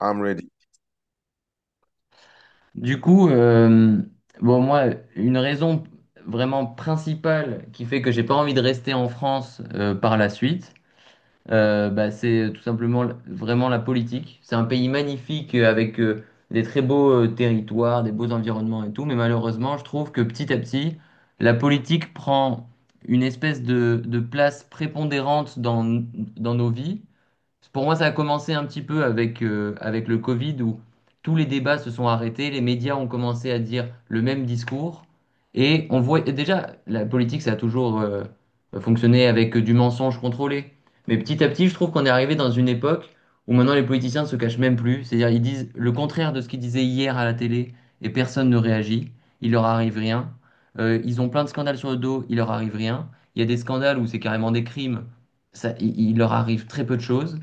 I'm ready. Du coup, euh, bon, moi, une raison vraiment principale qui fait que j'ai pas envie de rester en France par la suite, c'est tout simplement vraiment la politique. C'est un pays magnifique avec des très beaux territoires, des beaux environnements et tout, mais malheureusement, je trouve que petit à petit, la politique prend une espèce de place prépondérante dans nos vies pour moi, ça a commencé un petit peu avec, avec le Covid où tous les débats se sont arrêtés, les médias ont commencé à dire le même discours. Et on voit et déjà, la politique, ça a toujours fonctionné avec du mensonge contrôlé. Mais petit à petit, je trouve qu'on est arrivé dans une époque où maintenant les politiciens ne se cachent même plus. C'est-à-dire, ils disent le contraire de ce qu'ils disaient hier à la télé et personne ne réagit. Il leur arrive rien. Ils ont plein de scandales sur le dos, il leur arrive rien. Il y a des scandales où c'est carrément des crimes, ça, il leur arrive très peu de choses.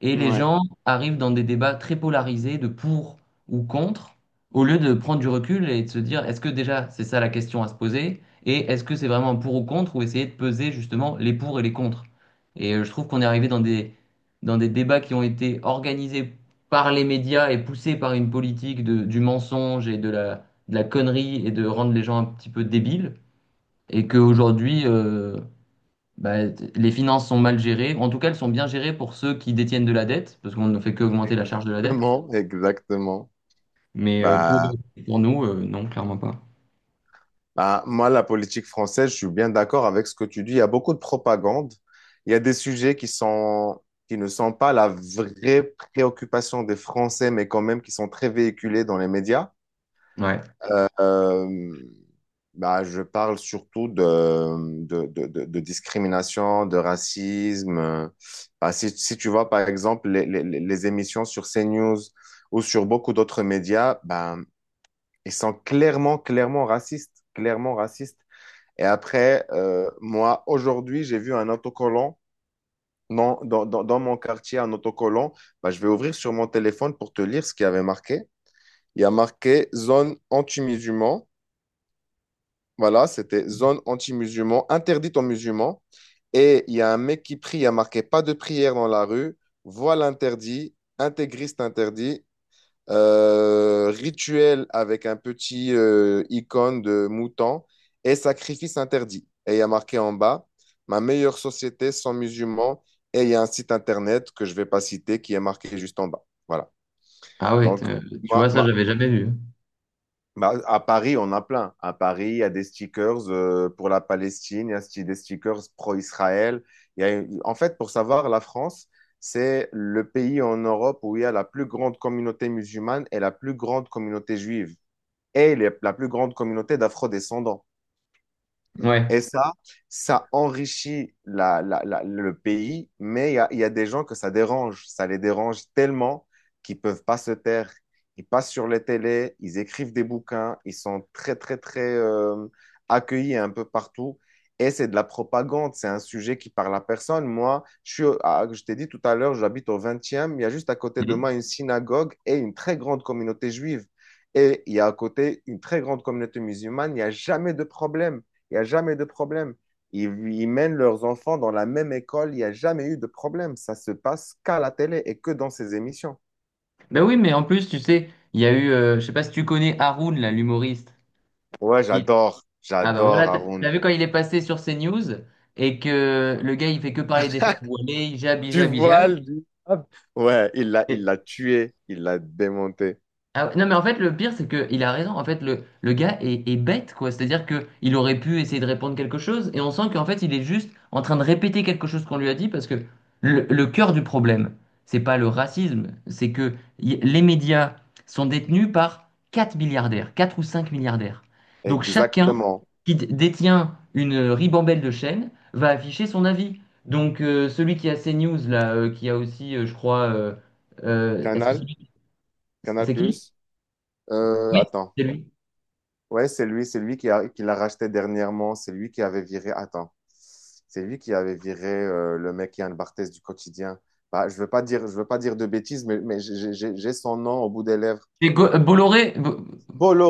Et les Ouais. gens arrivent dans des débats très polarisés de pour ou contre, au lieu de prendre du recul et de se dire, est-ce que déjà c'est ça la question à se poser, et est-ce que c'est vraiment un pour ou contre, ou essayer de peser justement les pour et les contre. Et je trouve qu'on est arrivé dans des débats qui ont été organisés par les médias et poussés par une politique du mensonge et de la connerie et de rendre les gens un petit peu débiles, et qu'aujourd'hui, les finances sont mal gérées. En tout cas, elles sont bien gérées pour ceux qui détiennent de la dette, parce qu'on ne fait qu'augmenter la charge de la dette. Exactement, exactement. Mais euh, pour, Bah, pour nous, non, clairement pas. bah, moi, la politique française, je suis bien d'accord avec ce que tu dis. Il y a beaucoup de propagande. Il y a des sujets qui ne sont pas la vraie préoccupation des Français, mais quand même qui sont très véhiculés dans les médias. Ouais. Euh, bah, je parle surtout de discrimination, de racisme. Bah, si tu vois, par exemple, les émissions sur CNews ou sur beaucoup d'autres médias, bah, ils sont clairement, clairement racistes. Clairement racistes. Et après, moi, aujourd'hui, j'ai vu un autocollant dans mon quartier, un autocollant. Bah, je vais ouvrir sur mon téléphone pour te lire ce qu'il y avait marqué. Il y a marqué zone anti-musulman. Voilà, c'était zone anti-musulman, interdite aux musulmans. Et il y a un mec qui prie, il y a marqué pas de prière dans la rue, voile interdit, intégriste interdit, rituel avec un petit icône de mouton et sacrifice interdit. Et il y a marqué en bas, ma meilleure société sans musulmans. Et il y a un site internet que je vais pas citer qui est marqué juste en bas. Voilà. Ah ouais, t- Donc, euh, tu moi, vois, ça, moi- j'avais jamais vu. bah, à Paris, on a plein. À Paris, il y a des stickers pour la Palestine, il y a des stickers pro-Israël. En fait, pour savoir, la France, c'est le pays en Europe où il y a la plus grande communauté musulmane et la plus grande communauté juive est la plus grande communauté d'afro-descendants. Et Ouais. ça, ça enrichit le pays, mais il y a des gens que ça dérange. Ça les dérange tellement qu'ils peuvent pas se taire. Ils passent sur les télés, ils écrivent des bouquins, ils sont très, très, très accueillis un peu partout. Et c'est de la propagande, c'est un sujet qui parle à personne. Moi, je t'ai dit tout à l'heure, j'habite au 20e, il y a juste à côté de moi Mhm. une synagogue et une très grande communauté juive. Et il y a à côté une très grande communauté musulmane, il n'y a jamais de problème. Il n'y a jamais de problème. Ils, ils mènent leurs enfants dans la même école. Il n'y a jamais eu de problème. Ça se passe qu'à la télé et que dans ces émissions. Bah oui, mais en plus, tu sais, il y a eu, je sais pas si tu connais Haroun, là, l'humoriste. Ouais, Il- j'adore. Ah bah J'adore voilà, t'as Haroun. vu quand il est passé sur CNews et que le gars, il fait que parler des femmes voilées, hijab, Tu hijab, vois, hijab. lui. Hop. Ouais, il l'a tué. Il l'a démonté. Ah ouais, non mais en fait le pire c'est que il a raison en fait le gars est bête quoi, c'est-à-dire que il aurait pu essayer de répondre quelque chose et on sent qu'en fait il est juste en train de répéter quelque chose qu'on lui a dit parce que le cœur du problème c'est pas le racisme c'est que les médias sont détenus par 4 milliardaires, 4 ou 5 milliardaires, donc chacun Exactement. qui détient une ribambelle de chaînes va afficher son avis. Donc celui qui a CNews là qui a aussi je crois est-ce que c'est Canal, lui- Canal c'est qui? Plus. Oui, Attends. c'est lui. Ouais, c'est lui, qui l'a racheté dernièrement. C'est lui qui avait viré. Attends, c'est lui qui avait viré le mec Yann Barthès du quotidien. Bah, je veux pas dire de bêtises, mais j'ai son nom au bout des lèvres. C'est Bolloré.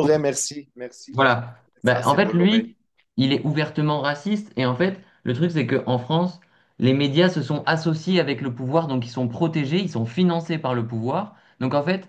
Bo- merci, merci. Voilà. Ben, Ça, en c'est fait, Bolloré. lui, il est ouvertement raciste. Et en fait, le truc, c'est qu'en France, les médias se sont associés avec le pouvoir, donc ils sont protégés, ils sont financés par le pouvoir. Donc en fait,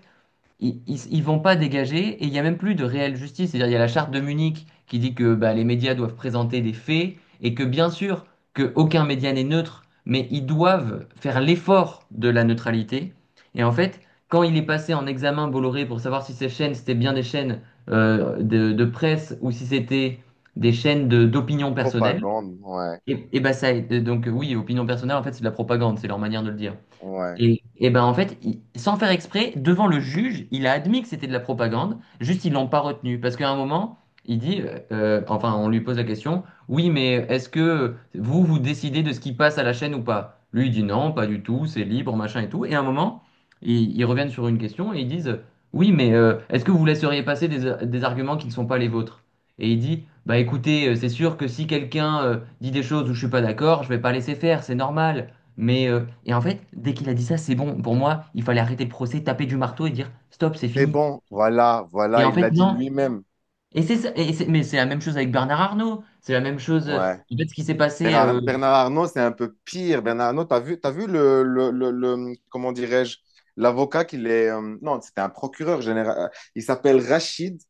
ils vont pas dégager et il n'y a même plus de réelle justice. C'est-à-dire, il y a la charte de Munich qui dit que bah, les médias doivent présenter des faits et que bien sûr que aucun média n'est neutre, mais ils doivent faire l'effort de la neutralité. Et en fait, quand il est passé en examen Bolloré pour savoir si ces chaînes c'était bien des chaînes de presse ou si c'était des chaînes La d'opinion personnelle, propagande, ouais, ça, donc oui, opinion personnelle, en fait c'est de la propagande, c'est leur manière de le dire. ouais. En fait, sans faire exprès, devant le juge, il a admis que c'était de la propagande, juste ils l'ont pas retenu. Parce qu'à un moment, enfin on lui pose la question, oui mais est-ce que vous, vous décidez de ce qui passe à la chaîne ou pas? Lui il dit non, pas du tout, c'est libre, machin et tout. Et à un moment, ils reviennent sur une question et ils disent, oui mais est-ce que vous laisseriez passer des arguments qui ne sont pas les vôtres? Et il dit, bah écoutez, c'est sûr que si quelqu'un dit des choses où je suis pas d'accord, je vais pas laisser faire, c'est normal. En fait, dès qu'il a dit ça, c'est bon. Pour moi, il fallait arrêter le procès, taper du marteau et dire stop, c'est Et fini. bon, voilà, Et voilà, en il fait, l'a dit non. lui-même. Et c'est ça. Mais c'est la même chose avec Bernard Arnault. C'est la même chose. Ouais. En fait, ce qui s'est passé. Bernard Arnault, c'est un peu pire. Bernard Arnault, t'as vu comment dirais-je, l'avocat qu'il est, non, c'était un procureur général. Il s'appelle Rachid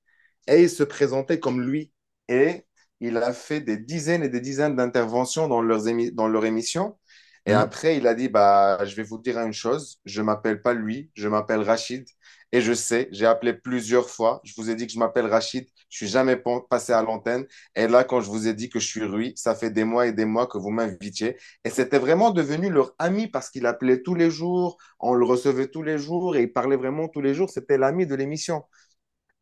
et il se présentait comme lui. Et il a fait des dizaines et des dizaines d'interventions dans dans leur émission. Et Hmm. après, il a dit, bah, je vais vous dire une chose, je m'appelle pas lui, je m'appelle Rachid. Et je sais, j'ai appelé plusieurs fois, je vous ai dit que je m'appelle Rachid, je suis jamais passé à l'antenne. Et là, quand je vous ai dit que je suis Rui, ça fait des mois et des mois que vous m'invitiez. Et c'était vraiment devenu leur ami parce qu'il appelait tous les jours, on le recevait tous les jours et il parlait vraiment tous les jours. C'était l'ami de l'émission.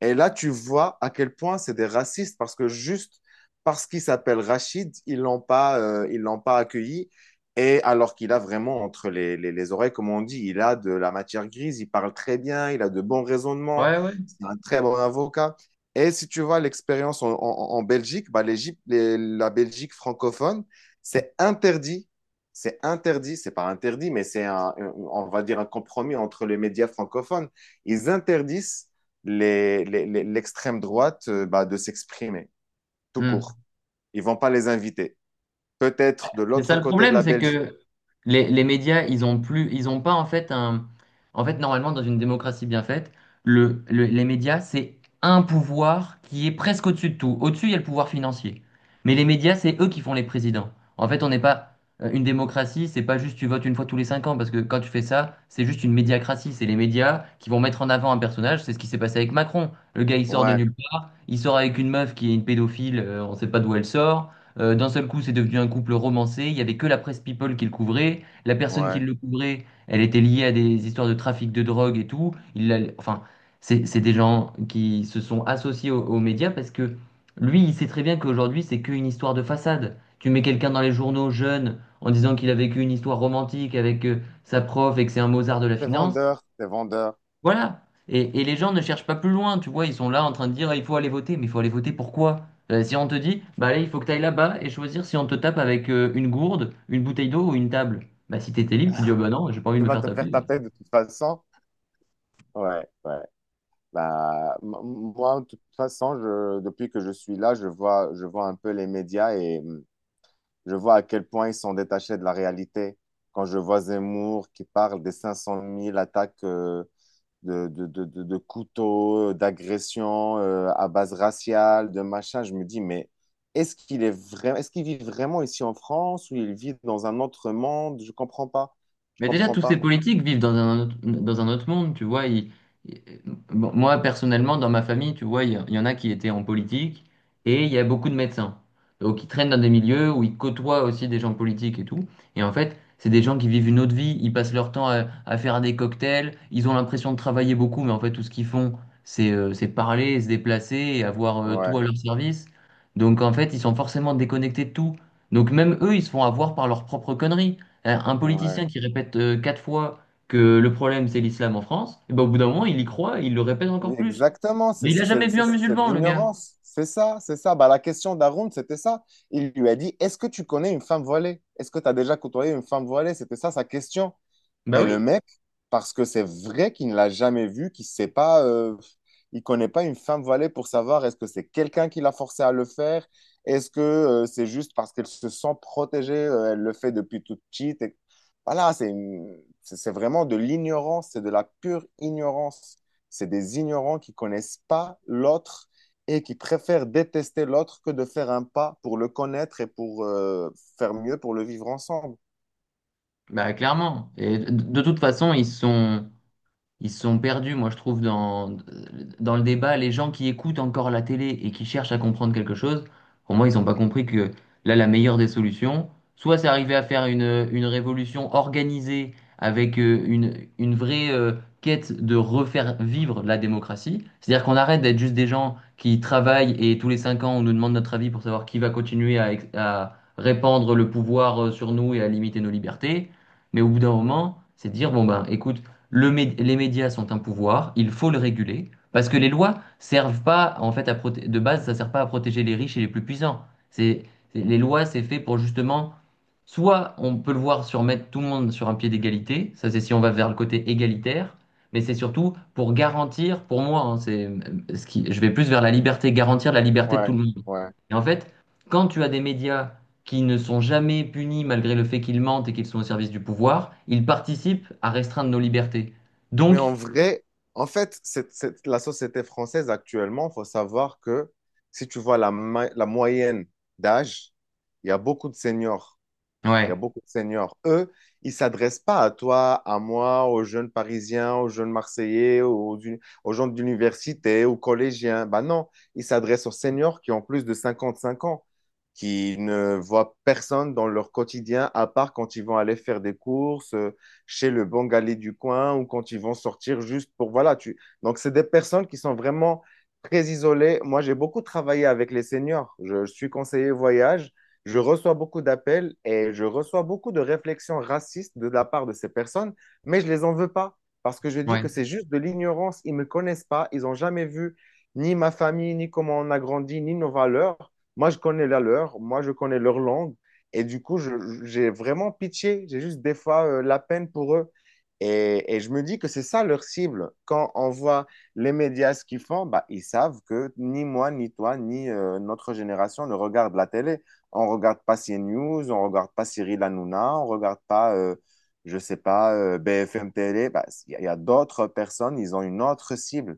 Et là, tu vois à quel point c'est des racistes parce que juste parce qu'il s'appelle Rachid, ils l'ont pas accueilli. Et alors qu'il a vraiment entre les oreilles, comme on dit, il a de la matière grise, il parle très bien, il a de bons raisonnements, Ouais, ouais. c'est un très bon avocat. Et si tu vois l'expérience en Belgique, bah, la Belgique francophone, c'est interdit. C'est pas interdit, mais c'est on va dire un compromis entre les médias francophones. Ils interdisent l'extrême droite bah, de s'exprimer, tout Hmm. court. Ils ne vont pas les inviter. Peut-être de C'est l'autre ça le côté de problème, la c'est Belgique. que les médias, ils ont pas en fait un. En fait, normalement, dans une démocratie bien faite, les médias, c'est un pouvoir qui est presque au-dessus de tout. Au-dessus, il y a le pouvoir financier. Mais les médias, c'est eux qui font les présidents. En fait, on n'est pas une démocratie, c'est pas juste tu votes une fois tous les cinq ans, parce que quand tu fais ça, c'est juste une médiacratie. C'est les médias qui vont mettre en avant un personnage. C'est ce qui s'est passé avec Macron. Le gars, Ouais, il sort avec une meuf qui est une pédophile, on sait pas d'où elle sort. D'un seul coup, c'est devenu un couple romancé. Il y avait que la presse People qui le couvrait. La personne qui ouais. le couvrait, elle était liée à des histoires de trafic de drogue et tout. Enfin, c'est des gens qui se sont associés aux médias parce que lui, il sait très bien qu'aujourd'hui, c'est qu'une histoire de façade. Tu mets quelqu'un dans les journaux jeune en disant qu'il a vécu une histoire romantique avec sa prof et que c'est un Mozart de la C'est finance. vendeur, c'est vendeur. Voilà. Et les gens ne cherchent pas plus loin, tu vois, ils sont là en train de dire, ah, il faut aller voter, mais il faut aller voter pourquoi? Si on te dit, bah allez, il faut que tu ailles là-bas et choisir si on te tape avec une gourde, une bouteille d'eau ou une table. Bah si t'étais libre, tu dis, oh, bah non, j'ai pas envie de Tu me vas faire te faire taper. taper de toute façon. Ouais, ouais. Bah, moi, de toute façon, je, depuis que je suis là, je vois un peu les médias et je vois à quel point ils sont détachés de la réalité. Quand je vois Zemmour qui parle des 500 000 attaques de couteaux, d'agressions à base raciale, de machin. Je me dis, mais est-ce qu'il est vrai, est-ce qu'il vit vraiment ici en France ou il vit dans un autre monde? Je comprends pas. Je Mais déjà, comprends tous ces pas. politiques vivent dans un autre monde, tu vois. Ils- bon, moi, personnellement, dans ma famille, tu vois, il y en a qui étaient en politique et il y a beaucoup de médecins. Donc, ils traînent dans des milieux où ils côtoient aussi des gens politiques et tout. Et en fait, c'est des gens qui vivent une autre vie. Ils passent leur temps à faire des cocktails. Ils ont l'impression de travailler beaucoup, mais en fait, tout ce qu'ils font, c'est parler, se déplacer et avoir tout à Ouais, leur service. Donc, en fait, ils sont forcément déconnectés de tout. Donc, même eux, ils se font avoir par leurs propres conneries. Un ouais. politicien qui répète quatre fois que le problème c'est l'islam en France, et ben, au bout d'un moment il y croit, et il le répète encore Oui, plus. exactement, Mais il a jamais vu un c'est de musulman, le gars. l'ignorance. C'est ça, c'est ça. Bah, la question d'Arun, c'était ça. Il lui a dit, est-ce que tu connais une femme voilée? Est-ce que tu as déjà côtoyé une femme voilée? C'était ça sa question. Bah Et le oui, mec, parce que c'est vrai qu'il ne l'a jamais vu, qu'il sait pas, il connaît pas une femme voilée pour savoir est-ce que c'est quelqu'un qui l'a forcé à le faire, est-ce que c'est juste parce qu'elle se sent protégée, elle le fait depuis toute petite. Voilà, c'est c'est vraiment de l'ignorance, c'est de la pure ignorance. C'est des ignorants qui connaissent pas l'autre et qui préfèrent détester l'autre que de faire un pas pour le connaître et pour faire mieux pour le vivre ensemble. bah clairement. Et de toute façon, ils se sont perdus, moi je trouve, dans le débat. Les gens qui écoutent encore la télé et qui cherchent à comprendre quelque chose, pour moi, ils n'ont pas compris que là, la meilleure des solutions, soit c'est arriver à faire une révolution organisée avec une vraie quête de refaire vivre la démocratie. C'est-à-dire qu'on arrête d'être juste des gens qui travaillent et tous les cinq ans, on nous demande notre avis pour savoir qui va continuer à, à répandre le pouvoir sur nous et à limiter nos libertés. Mais au bout d'un moment, c'est de dire, bon ben, écoute, les médias sont un pouvoir, il faut le réguler, parce que les lois servent pas, en fait, de base, ça sert pas à protéger les riches et les plus puissants. C'est, les lois, c'est fait pour justement, soit on peut le voir sur mettre tout le monde sur un pied d'égalité, ça c'est si on va vers le côté égalitaire, mais c'est surtout pour garantir, pour moi, hein, je vais plus vers la liberté, garantir la liberté de tout Ouais, le monde. ouais. Et en fait, quand tu as des médias qui ne sont jamais punis malgré le fait qu'ils mentent et qu'ils sont au service du pouvoir, ils participent à restreindre nos libertés. Mais Donc, en vrai, en fait, la société française actuellement, il faut savoir que si tu vois la moyenne d'âge, il y a beaucoup de seniors, il y a ouais, beaucoup de seniors. Eux, ils ne s'adressent pas à toi, à moi, aux jeunes Parisiens, aux jeunes Marseillais, aux gens d'université, aux collégiens. Ben non, ils s'adressent aux seniors qui ont plus de 55 ans, qui ne voient personne dans leur quotidien, à part quand ils vont aller faire des courses chez le Bengali du coin ou quand ils vont sortir juste pour... Voilà, tu... Donc, c'est des personnes qui sont vraiment très isolées. Moi, j'ai beaucoup travaillé avec les seniors. Je suis conseiller voyage. Je reçois beaucoup d'appels et je reçois beaucoup de réflexions racistes de la part de ces personnes, mais je les en veux pas parce que je dis que ouais. c'est juste de l'ignorance. Ils me connaissent pas, ils ont jamais vu ni ma famille, ni comment on a grandi, ni nos valeurs. Moi, je connais la leur, moi, je connais leur langue. Et du coup, j'ai vraiment pitié, j'ai juste des fois la peine pour eux. Et je me dis que c'est ça leur cible. Quand on voit les médias ce qu'ils font, bah, ils savent que ni moi, ni toi, ni notre génération ne regarde la télé. On ne regarde pas CNews, on ne regarde pas Cyril Hanouna, on ne regarde pas, je ne sais pas, BFM Télé. Bah, Il bah, y a, y a d'autres personnes, ils ont une autre cible.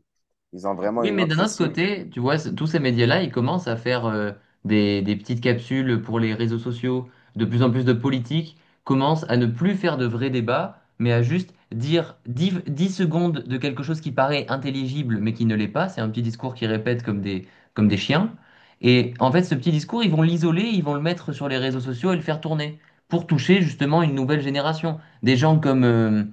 Ils ont vraiment Oui, une mais d'un autre autre cible. côté, tu vois, tous ces médias-là, ils commencent à faire des petites capsules pour les réseaux sociaux. De plus en plus de politiques commencent à ne plus faire de vrais débats, mais à juste dire 10 10 secondes de quelque chose qui paraît intelligible, mais qui ne l'est pas. C'est un petit discours qu'ils répètent comme des chiens. Et en fait, ce petit discours, ils vont l'isoler, ils vont le mettre sur les réseaux sociaux et le faire tourner pour toucher justement une nouvelle génération. Des gens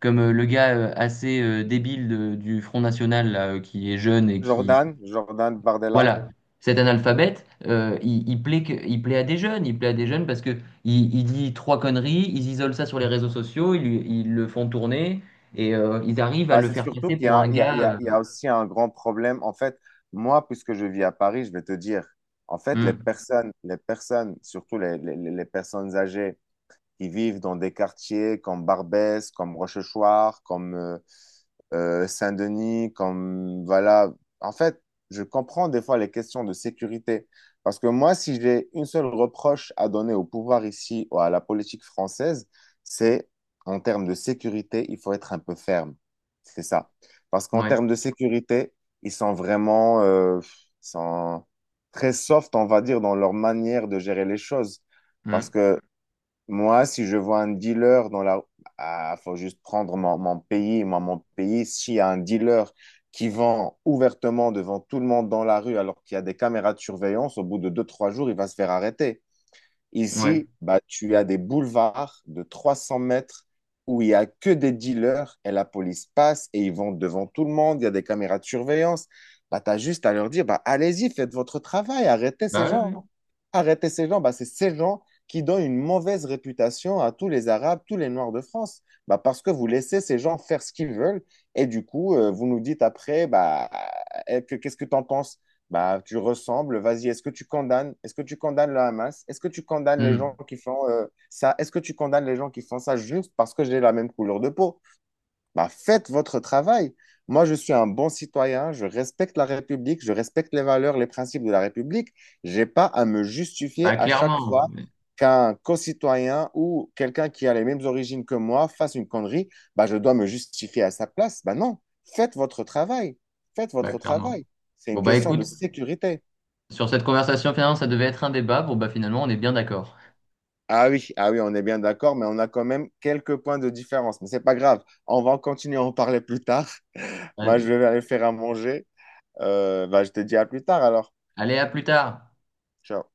comme le gars assez débile du Front National là, qui est jeune et qui Jordan Bardella. voilà, cet analphabète il il plaît à des jeunes, il plaît à des jeunes parce que il dit trois conneries, ils isolent ça sur les réseaux sociaux, ils le font tourner et ils arrivent à Bah, le c'est faire surtout passer qu'il y pour a, un il y a- il gars y a- il y a aussi un grand problème. En fait, moi, puisque je vis à Paris, je vais te dire, en fait, hmm, les personnes, surtout les les personnes âgées, qui vivent dans des quartiers comme Barbès, comme Rochechouart, comme Saint-Denis, comme voilà. En fait, je comprends des fois les questions de sécurité. Parce que moi, si j'ai une seule reproche à donner au pouvoir ici ou à la politique française, c'est en termes de sécurité, il faut être un peu ferme. C'est ça. Parce qu'en ouais. termes de sécurité, ils sont vraiment ils sont très soft, on va dire, dans leur manière de gérer les choses. Parce Hmm, que moi, si je vois un dealer dans la... Ah, faut juste prendre mon pays. Moi, mon pays, s'il y a un dealer qui vend ouvertement devant tout le monde dans la rue alors qu'il y a des caméras de surveillance, au bout de deux, trois jours, il va se faire arrêter. ouais. Ici, bah, tu as des boulevards de 300 mètres où il n'y a que des dealers et la police passe et ils vont devant tout le monde, il y a des caméras de surveillance. Bah, tu as juste à leur dire, bah, allez-y, faites votre travail, arrêtez ces Bah ouais, gens. ouais. Arrêtez ces gens, bah, c'est ces gens qui donnent une mauvaise réputation à tous les Arabes, tous les Noirs de France, bah, parce que vous laissez ces gens faire ce qu'ils veulent et du coup, vous nous dites après, bah, eh, qu'est-ce que tu en penses? Bah, tu ressembles, vas-y, est-ce que tu condamnes, est-ce que tu condamnes le Hamas? Est-ce que tu condamnes les gens Hmm. qui font ça? Est-ce que tu condamnes les gens qui font ça juste parce que j'ai la même couleur de peau? Bah, faites votre travail. Moi, je suis un bon citoyen, je respecte la République, je respecte les valeurs, les principes de la République. J'ai pas à me justifier Bah à chaque clairement fois ouais. qu'un co-citoyen ou quelqu'un qui a les mêmes origines que moi fasse une connerie. Bah, je dois me justifier à sa place. Bah non, faites votre travail. Faites Bah votre clairement travail. C'est une bon bah question écoute, de sécurité. sur cette conversation finalement ça devait être un débat, bon bah finalement on est bien d'accord. Ah oui, ah oui, on est bien d'accord, mais on a quand même quelques points de différence. Mais c'est pas grave, on va en continuer à en parler plus tard. Moi, je Vas-y. vais aller faire à manger. Bah, je te dis à plus tard alors. Allez à plus tard. Ciao.